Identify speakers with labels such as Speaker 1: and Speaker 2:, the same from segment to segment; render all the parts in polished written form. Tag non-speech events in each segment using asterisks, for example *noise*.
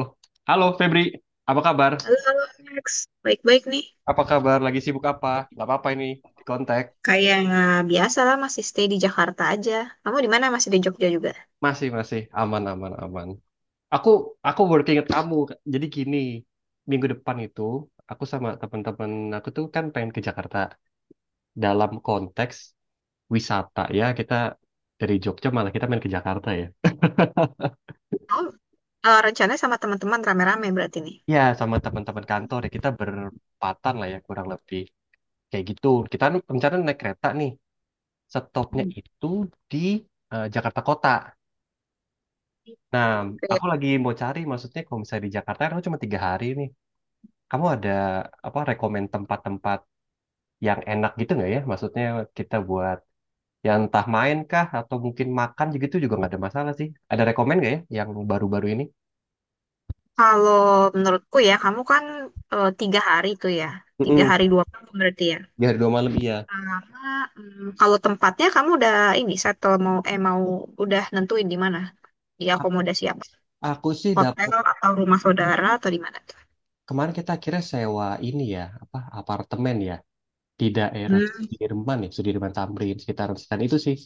Speaker 1: Oh, halo Febri, apa kabar?
Speaker 2: Halo, halo Max. Baik-baik nih.
Speaker 1: Apa kabar? Lagi sibuk apa? Gak apa-apa ini di kontak.
Speaker 2: Kayak Biasa lah masih stay di Jakarta aja. Kamu di mana? Masih di Jogja juga?
Speaker 1: Masih, masih. Aman, aman, aman. Aku, aku working at kamu. Jadi gini, minggu depan itu, aku sama teman-teman aku tuh kan pengen ke Jakarta. Dalam konteks wisata ya, kita dari Jogja malah kita main ke Jakarta ya.
Speaker 2: Oh, Rencananya sama teman-teman rame-rame berarti nih.
Speaker 1: Ya, sama teman-teman kantor ya, kita berempatan lah ya kurang lebih. Kayak gitu. Kita rencana naik kereta nih. Stopnya
Speaker 2: Hmm.
Speaker 1: itu di Jakarta Kota. Nah, aku
Speaker 2: Oke.
Speaker 1: lagi mau cari, maksudnya kalau misalnya di Jakarta, kan aku cuma 3 hari nih. Kamu ada apa rekomend tempat-tempat yang enak gitu nggak ya? Maksudnya kita buat yang entah main kah atau mungkin makan gitu juga nggak ada masalah sih. Ada rekomend nggak ya yang baru-baru ini?
Speaker 2: Kalau menurutku ya, kamu kan tiga hari tuh ya. Tiga
Speaker 1: Mm-mm.
Speaker 2: hari dua malam berarti ya.
Speaker 1: Di hari 2 malam iya.
Speaker 2: Sama, kalau tempatnya kamu udah ini, settle mau, udah nentuin di mana? Di
Speaker 1: A-
Speaker 2: akomodasi
Speaker 1: Aku sih
Speaker 2: hotel
Speaker 1: dapat
Speaker 2: atau rumah saudara atau di mana tuh?
Speaker 1: kemarin kita akhirnya sewa ini ya apa apartemen ya di daerah
Speaker 2: Hmm.
Speaker 1: Sudirman ya Sudirman Tamrin sekitaran sekitar itu sih.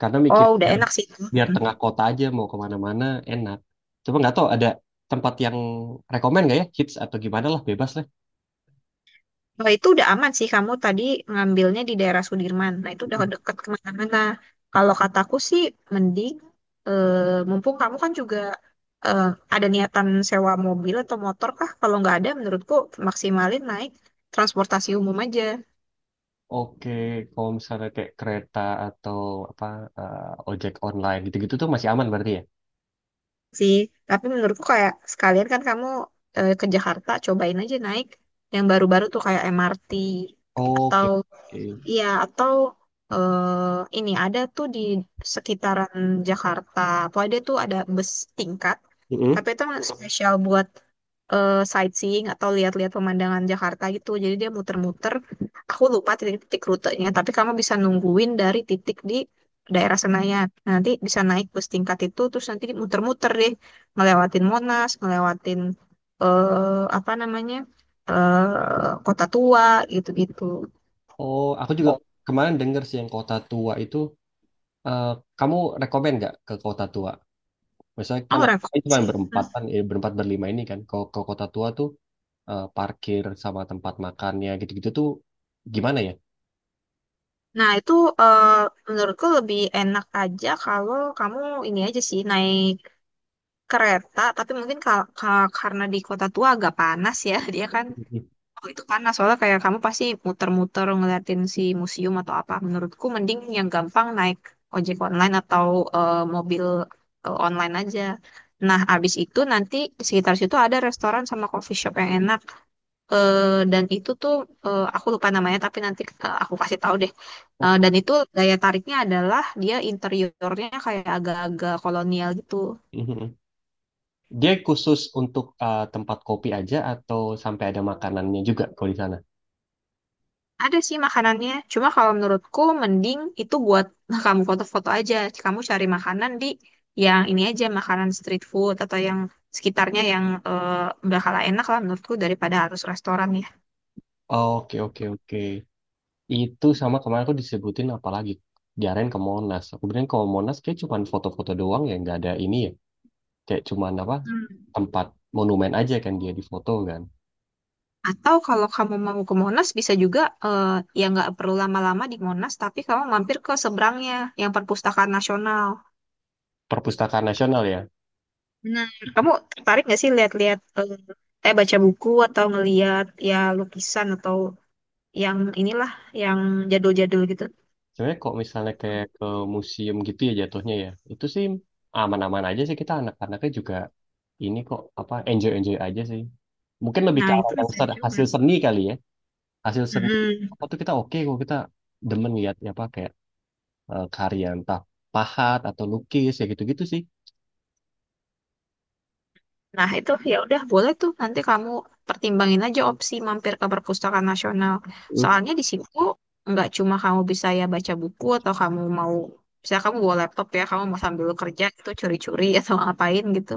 Speaker 1: Karena mikir
Speaker 2: Oh, udah
Speaker 1: biar,
Speaker 2: enak sih itu.
Speaker 1: biar tengah kota aja mau kemana-mana enak, coba nggak tahu ada tempat yang rekomen nggak ya hits atau gimana lah bebas lah.
Speaker 2: Nah, itu udah aman sih kamu tadi ngambilnya di daerah Sudirman. Nah, itu udah deket kemana-mana. Kalau kataku sih mending eh, mumpung kamu kan juga eh, ada niatan sewa mobil atau motor kah? Kalau nggak ada, menurutku maksimalin naik transportasi umum aja
Speaker 1: Oke, kalau misalnya kayak kereta atau apa eh, ojek online gitu-gitu tuh masih aman berarti ya.
Speaker 2: sih. Tapi menurutku kayak sekalian kan kamu ke Jakarta, cobain aja naik yang baru-baru tuh kayak MRT
Speaker 1: Oke,
Speaker 2: atau
Speaker 1: oke.
Speaker 2: Iya, atau ini ada tuh di sekitaran Jakarta. Pokoknya dia tuh ada bus tingkat, tapi
Speaker 1: Mm-mm.
Speaker 2: itu emang spesial buat sightseeing atau lihat-lihat pemandangan Jakarta gitu. Jadi dia muter-muter. Aku lupa titik-titik rutenya, tapi kamu bisa nungguin dari titik di daerah Senayan. Nanti bisa naik bus tingkat itu, terus nanti muter-muter deh, ngelewatin Monas, ngelewatin apa namanya Kota Tua gitu-gitu.
Speaker 1: Oh, aku juga kemarin denger sih yang kota tua itu, eh, kamu rekomen nggak ke kota tua? Misalnya kan
Speaker 2: Oh, repot
Speaker 1: kan cuma
Speaker 2: sih. Hmm.
Speaker 1: berempat kan, berempat berlima ini kan, kalau ke kota tua tuh parkir sama tempat makannya gitu-gitu tuh gimana ya?
Speaker 2: Nah, itu eh, menurutku lebih enak aja kalau kamu ini aja sih naik kereta, tapi mungkin karena di kota tua agak panas ya, *laughs* dia kan
Speaker 1: Mhm.
Speaker 2: oh, itu panas soalnya kayak kamu pasti muter-muter ngeliatin si museum atau apa. Menurutku mending yang gampang naik ojek online atau eh, mobil online aja. Nah, abis itu nanti di sekitar situ ada restoran sama coffee shop yang enak. Eh, dan itu tuh eh, aku lupa namanya tapi nanti eh, aku kasih tahu deh. Eh,
Speaker 1: Oh,
Speaker 2: dan itu daya tariknya adalah dia interiornya kayak agak-agak kolonial gitu.
Speaker 1: mhm. Dia khusus untuk tempat kopi aja atau sampai ada makanannya juga kalau di sana?
Speaker 2: Ada sih makanannya, cuma kalau menurutku mending itu buat *laughs* kamu foto-foto aja. Kamu cari makanan di yang ini aja makanan street food atau yang sekitarnya yang bakal enak lah menurutku daripada harus restoran ya.
Speaker 1: Oke, oke, oke. Itu sama kemarin aku disebutin apalagi diarahin ke Monas. Aku bilang ke Monas kayak cuman foto-foto doang ya, nggak ada ini ya. Kayak cuman apa
Speaker 2: Hmm.
Speaker 1: tempat monumen aja kan dia di foto kan.
Speaker 2: Atau kalau kamu mau ke Monas bisa juga eh, ya nggak perlu lama-lama di Monas tapi kamu mampir ke seberangnya yang Perpustakaan Nasional.
Speaker 1: Perpustakaan Nasional ya.
Speaker 2: Benar. Kamu tertarik nggak sih lihat-lihat, baca buku atau ngelihat ya lukisan atau yang inilah yang jadul-jadul gitu.
Speaker 1: Sebenarnya kalau misalnya kayak ke museum gitu ya jatuhnya ya, itu sih aman-aman aja sih, kita anak-anaknya juga ini kok, apa, enjoy-enjoy aja sih. Mungkin lebih ke
Speaker 2: Nah,
Speaker 1: arah
Speaker 2: itu
Speaker 1: yang
Speaker 2: bisa dicoba.
Speaker 1: hasil seni kali ya. Hasil seni apa
Speaker 2: Mm-mm.
Speaker 1: tuh, kita oke kok, kita demen lihat ya apa kayak karya entah pahat atau lukis ya gitu-gitu sih.
Speaker 2: Nah, itu ya udah boleh tuh nanti kamu pertimbangin aja opsi mampir ke perpustakaan nasional.
Speaker 1: Hmm.
Speaker 2: Soalnya di situ nggak cuma kamu bisa ya baca buku atau kamu mau bisa kamu bawa laptop ya, kamu mau sambil kerja itu curi-curi *laughs* atau ngapain gitu.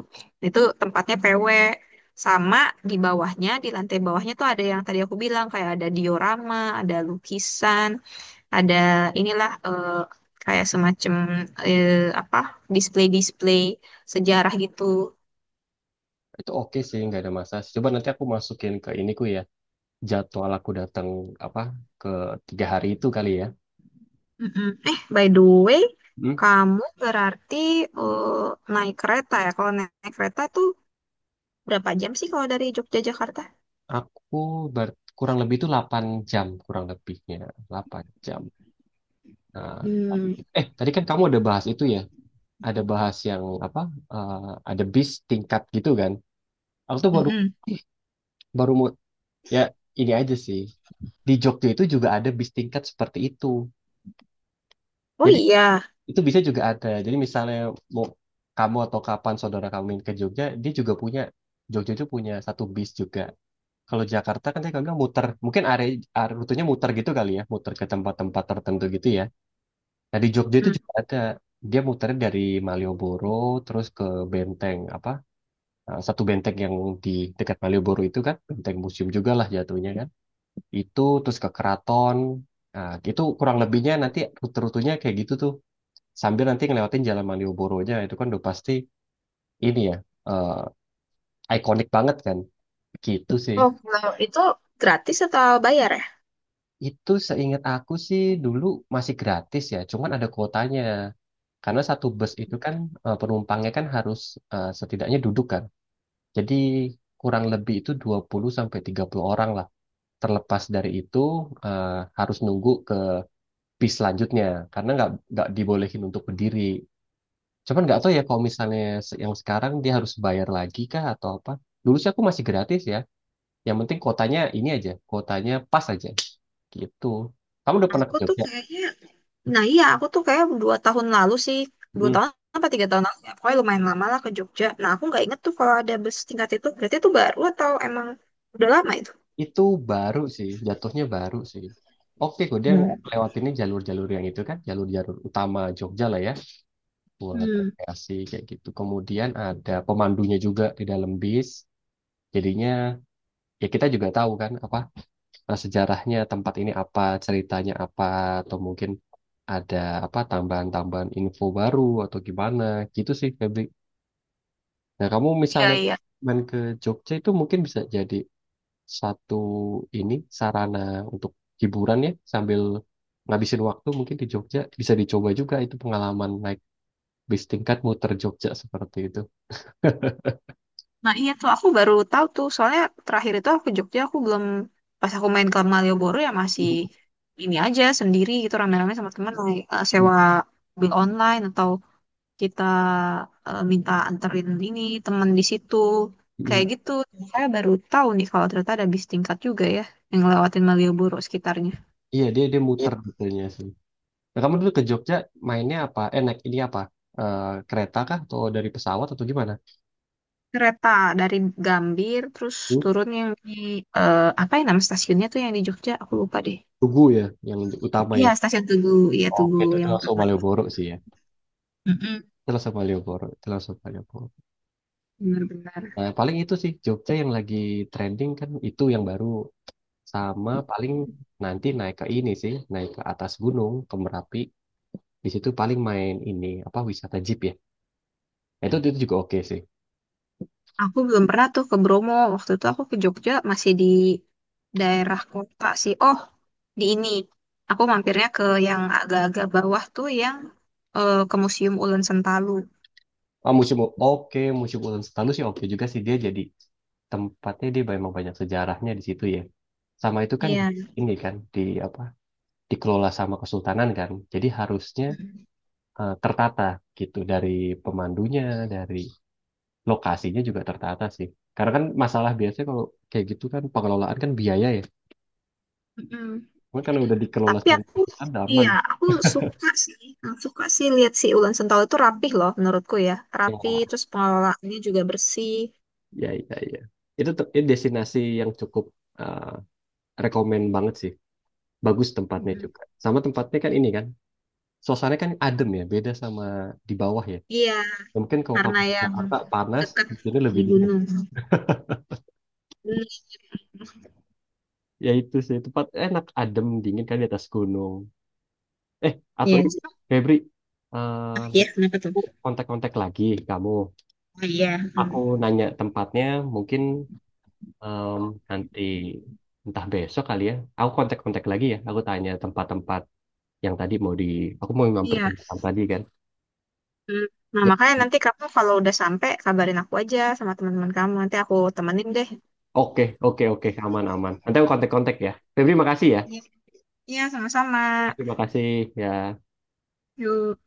Speaker 2: Itu tempatnya PW. Sama di bawahnya, di lantai bawahnya tuh ada yang tadi aku bilang kayak ada diorama, ada lukisan, ada inilah kayak semacam eh, apa display-display sejarah gitu.
Speaker 1: Itu oke sih, nggak ada masalah. Coba nanti aku masukin ke iniku ya, jadwal aku datang apa ke 3 hari itu kali ya.
Speaker 2: Mm-mm. Eh, by the way,
Speaker 1: Hmm.
Speaker 2: kamu berarti eh, naik kereta ya? Kalau naik kereta tuh berapa jam sih kalau dari Jogja Jakarta?
Speaker 1: Aku kurang lebih itu 8 jam, kurang lebihnya 8 jam. Nah,
Speaker 2: Hmm,
Speaker 1: tadi kan kamu ada bahas itu ya, ada bahas yang apa? eh, ada bis tingkat gitu kan? Aku tuh baru
Speaker 2: Mm-mm.
Speaker 1: baru mau ya ini aja sih. Di Jogja itu juga ada bis tingkat seperti itu.
Speaker 2: Oh
Speaker 1: Jadi
Speaker 2: iya.
Speaker 1: itu bisa juga ada. Jadi misalnya mau kamu atau kapan saudara kamu main ke Jogja, dia juga punya, Jogja itu punya satu bis juga. Kalau Jakarta kan tadi kakak muter, mungkin area rutenya muter gitu kali ya, muter ke tempat-tempat tertentu gitu ya. Nah, di Jogja itu
Speaker 2: Mm.
Speaker 1: juga ada, dia muternya dari Malioboro terus ke Benteng apa? Satu benteng yang di dekat Malioboro itu kan, benteng museum juga lah jatuhnya kan. Itu terus ke Keraton, nah, itu kurang lebihnya nanti rute-rutenya kayak gitu tuh. Sambil nanti ngelewatin Jalan Malioboronya itu kan udah pasti ini ya, ikonik banget kan, gitu sih.
Speaker 2: Oh, kalau itu gratis atau bayar ya?
Speaker 1: Itu seingat aku sih dulu masih gratis ya, cuman ada kuotanya. Karena satu bus itu kan penumpangnya kan harus setidaknya duduk kan. Jadi kurang lebih itu 20 sampai 30 orang lah. Terlepas dari itu eh, harus nunggu ke bis selanjutnya karena nggak dibolehin untuk berdiri. Cuman nggak tahu ya kalau misalnya yang sekarang dia harus bayar lagi kah atau apa. Dulu sih aku masih gratis ya. Yang penting kotanya ini aja, kotanya pas aja gitu. Kamu udah pernah ke
Speaker 2: Aku tuh
Speaker 1: Jogja?
Speaker 2: kayaknya, nah iya aku tuh kayak dua tahun lalu sih, dua tahun apa tiga tahun lalu ya, pokoknya lumayan lama lah ke Jogja. Nah aku nggak inget tuh kalau ada bus tingkat itu, berarti itu baru atau emang udah lama itu?
Speaker 1: Itu baru sih, jatuhnya baru sih. Oke, kok dia
Speaker 2: Hmm.
Speaker 1: lewatinnya jalur-jalur yang itu kan, jalur-jalur utama Jogja lah ya, buat
Speaker 2: Hmm,
Speaker 1: rekreasi kayak gitu. Kemudian ada pemandunya juga di dalam bis. Jadinya ya kita juga tahu kan apa, sejarahnya tempat ini apa, ceritanya apa, atau mungkin ada apa tambahan-tambahan info baru atau gimana gitu sih Febri. Nah, kamu
Speaker 2: iya
Speaker 1: misalnya
Speaker 2: iya.
Speaker 1: main ke Jogja itu mungkin bisa jadi satu ini, sarana untuk hiburan ya, sambil ngabisin waktu mungkin di Jogja bisa dicoba juga itu pengalaman naik bis tingkat muter Jogja seperti itu.
Speaker 2: Nah iya tuh aku baru tahu tuh soalnya terakhir itu aku ke Jogja aku belum pas aku main ke Malioboro ya masih ini aja sendiri gitu rame-rame sama teman naik sewa mobil online atau kita minta anterin ini teman di situ
Speaker 1: Mm.
Speaker 2: kayak gitu saya baru tahu nih kalau ternyata ada bis tingkat juga ya yang ngelewatin Malioboro sekitarnya
Speaker 1: Iya, dia dia
Speaker 2: Iya,
Speaker 1: muter betulnya sih. Nah, kamu dulu ke Jogja mainnya apa? Naik ini apa? Eh, kereta kah atau dari pesawat atau gimana?
Speaker 2: kereta dari Gambir terus
Speaker 1: Hmm?
Speaker 2: turun yang di apa ya nama stasiunnya tuh yang di Jogja aku lupa deh
Speaker 1: Tugu ya, yang utama
Speaker 2: Iya,
Speaker 1: ya.
Speaker 2: stasiun Tugu, iya
Speaker 1: Oh
Speaker 2: Tugu
Speaker 1: itu
Speaker 2: yang
Speaker 1: langsung
Speaker 2: utama.
Speaker 1: Malioboro sih ya.
Speaker 2: Mm-mm,
Speaker 1: Itu langsung Malioboro, itu langsung Malioboro.
Speaker 2: Benar-benar.
Speaker 1: Nah, paling itu sih Jogja yang lagi trending kan itu yang baru. Sama paling nanti naik ke ini sih, naik ke atas gunung, ke Merapi. Di situ paling main ini apa, wisata jeep ya. Itu juga oke sih.
Speaker 2: Aku belum pernah tuh ke Bromo. Waktu itu aku ke Jogja masih di daerah kota sih. Oh, di ini. Aku mampirnya ke yang agak-agak bawah tuh yang ke Museum Ulen Sentalu.
Speaker 1: Ah, museum, oke, museum Ulang Setalu sih oke juga sih, dia jadi tempatnya, dia memang banyak sejarahnya di situ ya. Sama itu kan
Speaker 2: Iya.
Speaker 1: ini kan di apa, dikelola sama kesultanan kan. Jadi harusnya
Speaker 2: Mm-mm.
Speaker 1: tertata gitu dari pemandunya, dari lokasinya juga tertata sih. Karena kan masalah biasanya kalau kayak gitu kan pengelolaan kan biaya ya.
Speaker 2: Mm-mm.
Speaker 1: Cuma karena udah dikelola
Speaker 2: Tapi
Speaker 1: sama
Speaker 2: aku,
Speaker 1: ada.
Speaker 2: iya, aku suka sih. Suka sih lihat si Ulen Sentalu itu rapih loh menurutku ya. Rapi, terus pengelolaannya juga bersih.
Speaker 1: Ya, ya, ya, ya. Itu ini destinasi yang cukup eh rekomen banget sih. Bagus tempatnya
Speaker 2: Mm-mm.
Speaker 1: juga. Sama tempatnya kan ini kan, suasananya kan adem ya, beda sama di bawah ya.
Speaker 2: Iya,
Speaker 1: Ya mungkin kalau
Speaker 2: karena
Speaker 1: kamu di
Speaker 2: yang
Speaker 1: Jakarta panas,
Speaker 2: dekat
Speaker 1: di sini
Speaker 2: di
Speaker 1: lebih dingin.
Speaker 2: gunung.
Speaker 1: Ya itu sih, tempat enak, adem, dingin kan di atas gunung. Eh, atau
Speaker 2: Iya,
Speaker 1: ini, Febri,
Speaker 2: Ah
Speaker 1: aku
Speaker 2: iya, kenapa tuh?
Speaker 1: kontak-kontak lagi kamu.
Speaker 2: Oh iya. Hmm.
Speaker 1: Aku nanya tempatnya, mungkin, Em, nanti entah besok kali ya. Aku kontak-kontak lagi ya. Aku tanya tempat-tempat yang tadi mau di. Aku mau mampir ke
Speaker 2: Iya.
Speaker 1: Jepang tadi kan.
Speaker 2: Hmm. Nah,
Speaker 1: Ya.
Speaker 2: makanya nanti kamu kalau udah sampai kabarin aku aja sama teman-teman kamu. Nanti aku temenin deh.
Speaker 1: Oke, oke, oke, aman, aman. Nanti aku kontak-kontak ya. Febri, makasih ya.
Speaker 2: Iya, Iya, sama-sama.
Speaker 1: Terima kasih ya.
Speaker 2: Yuk.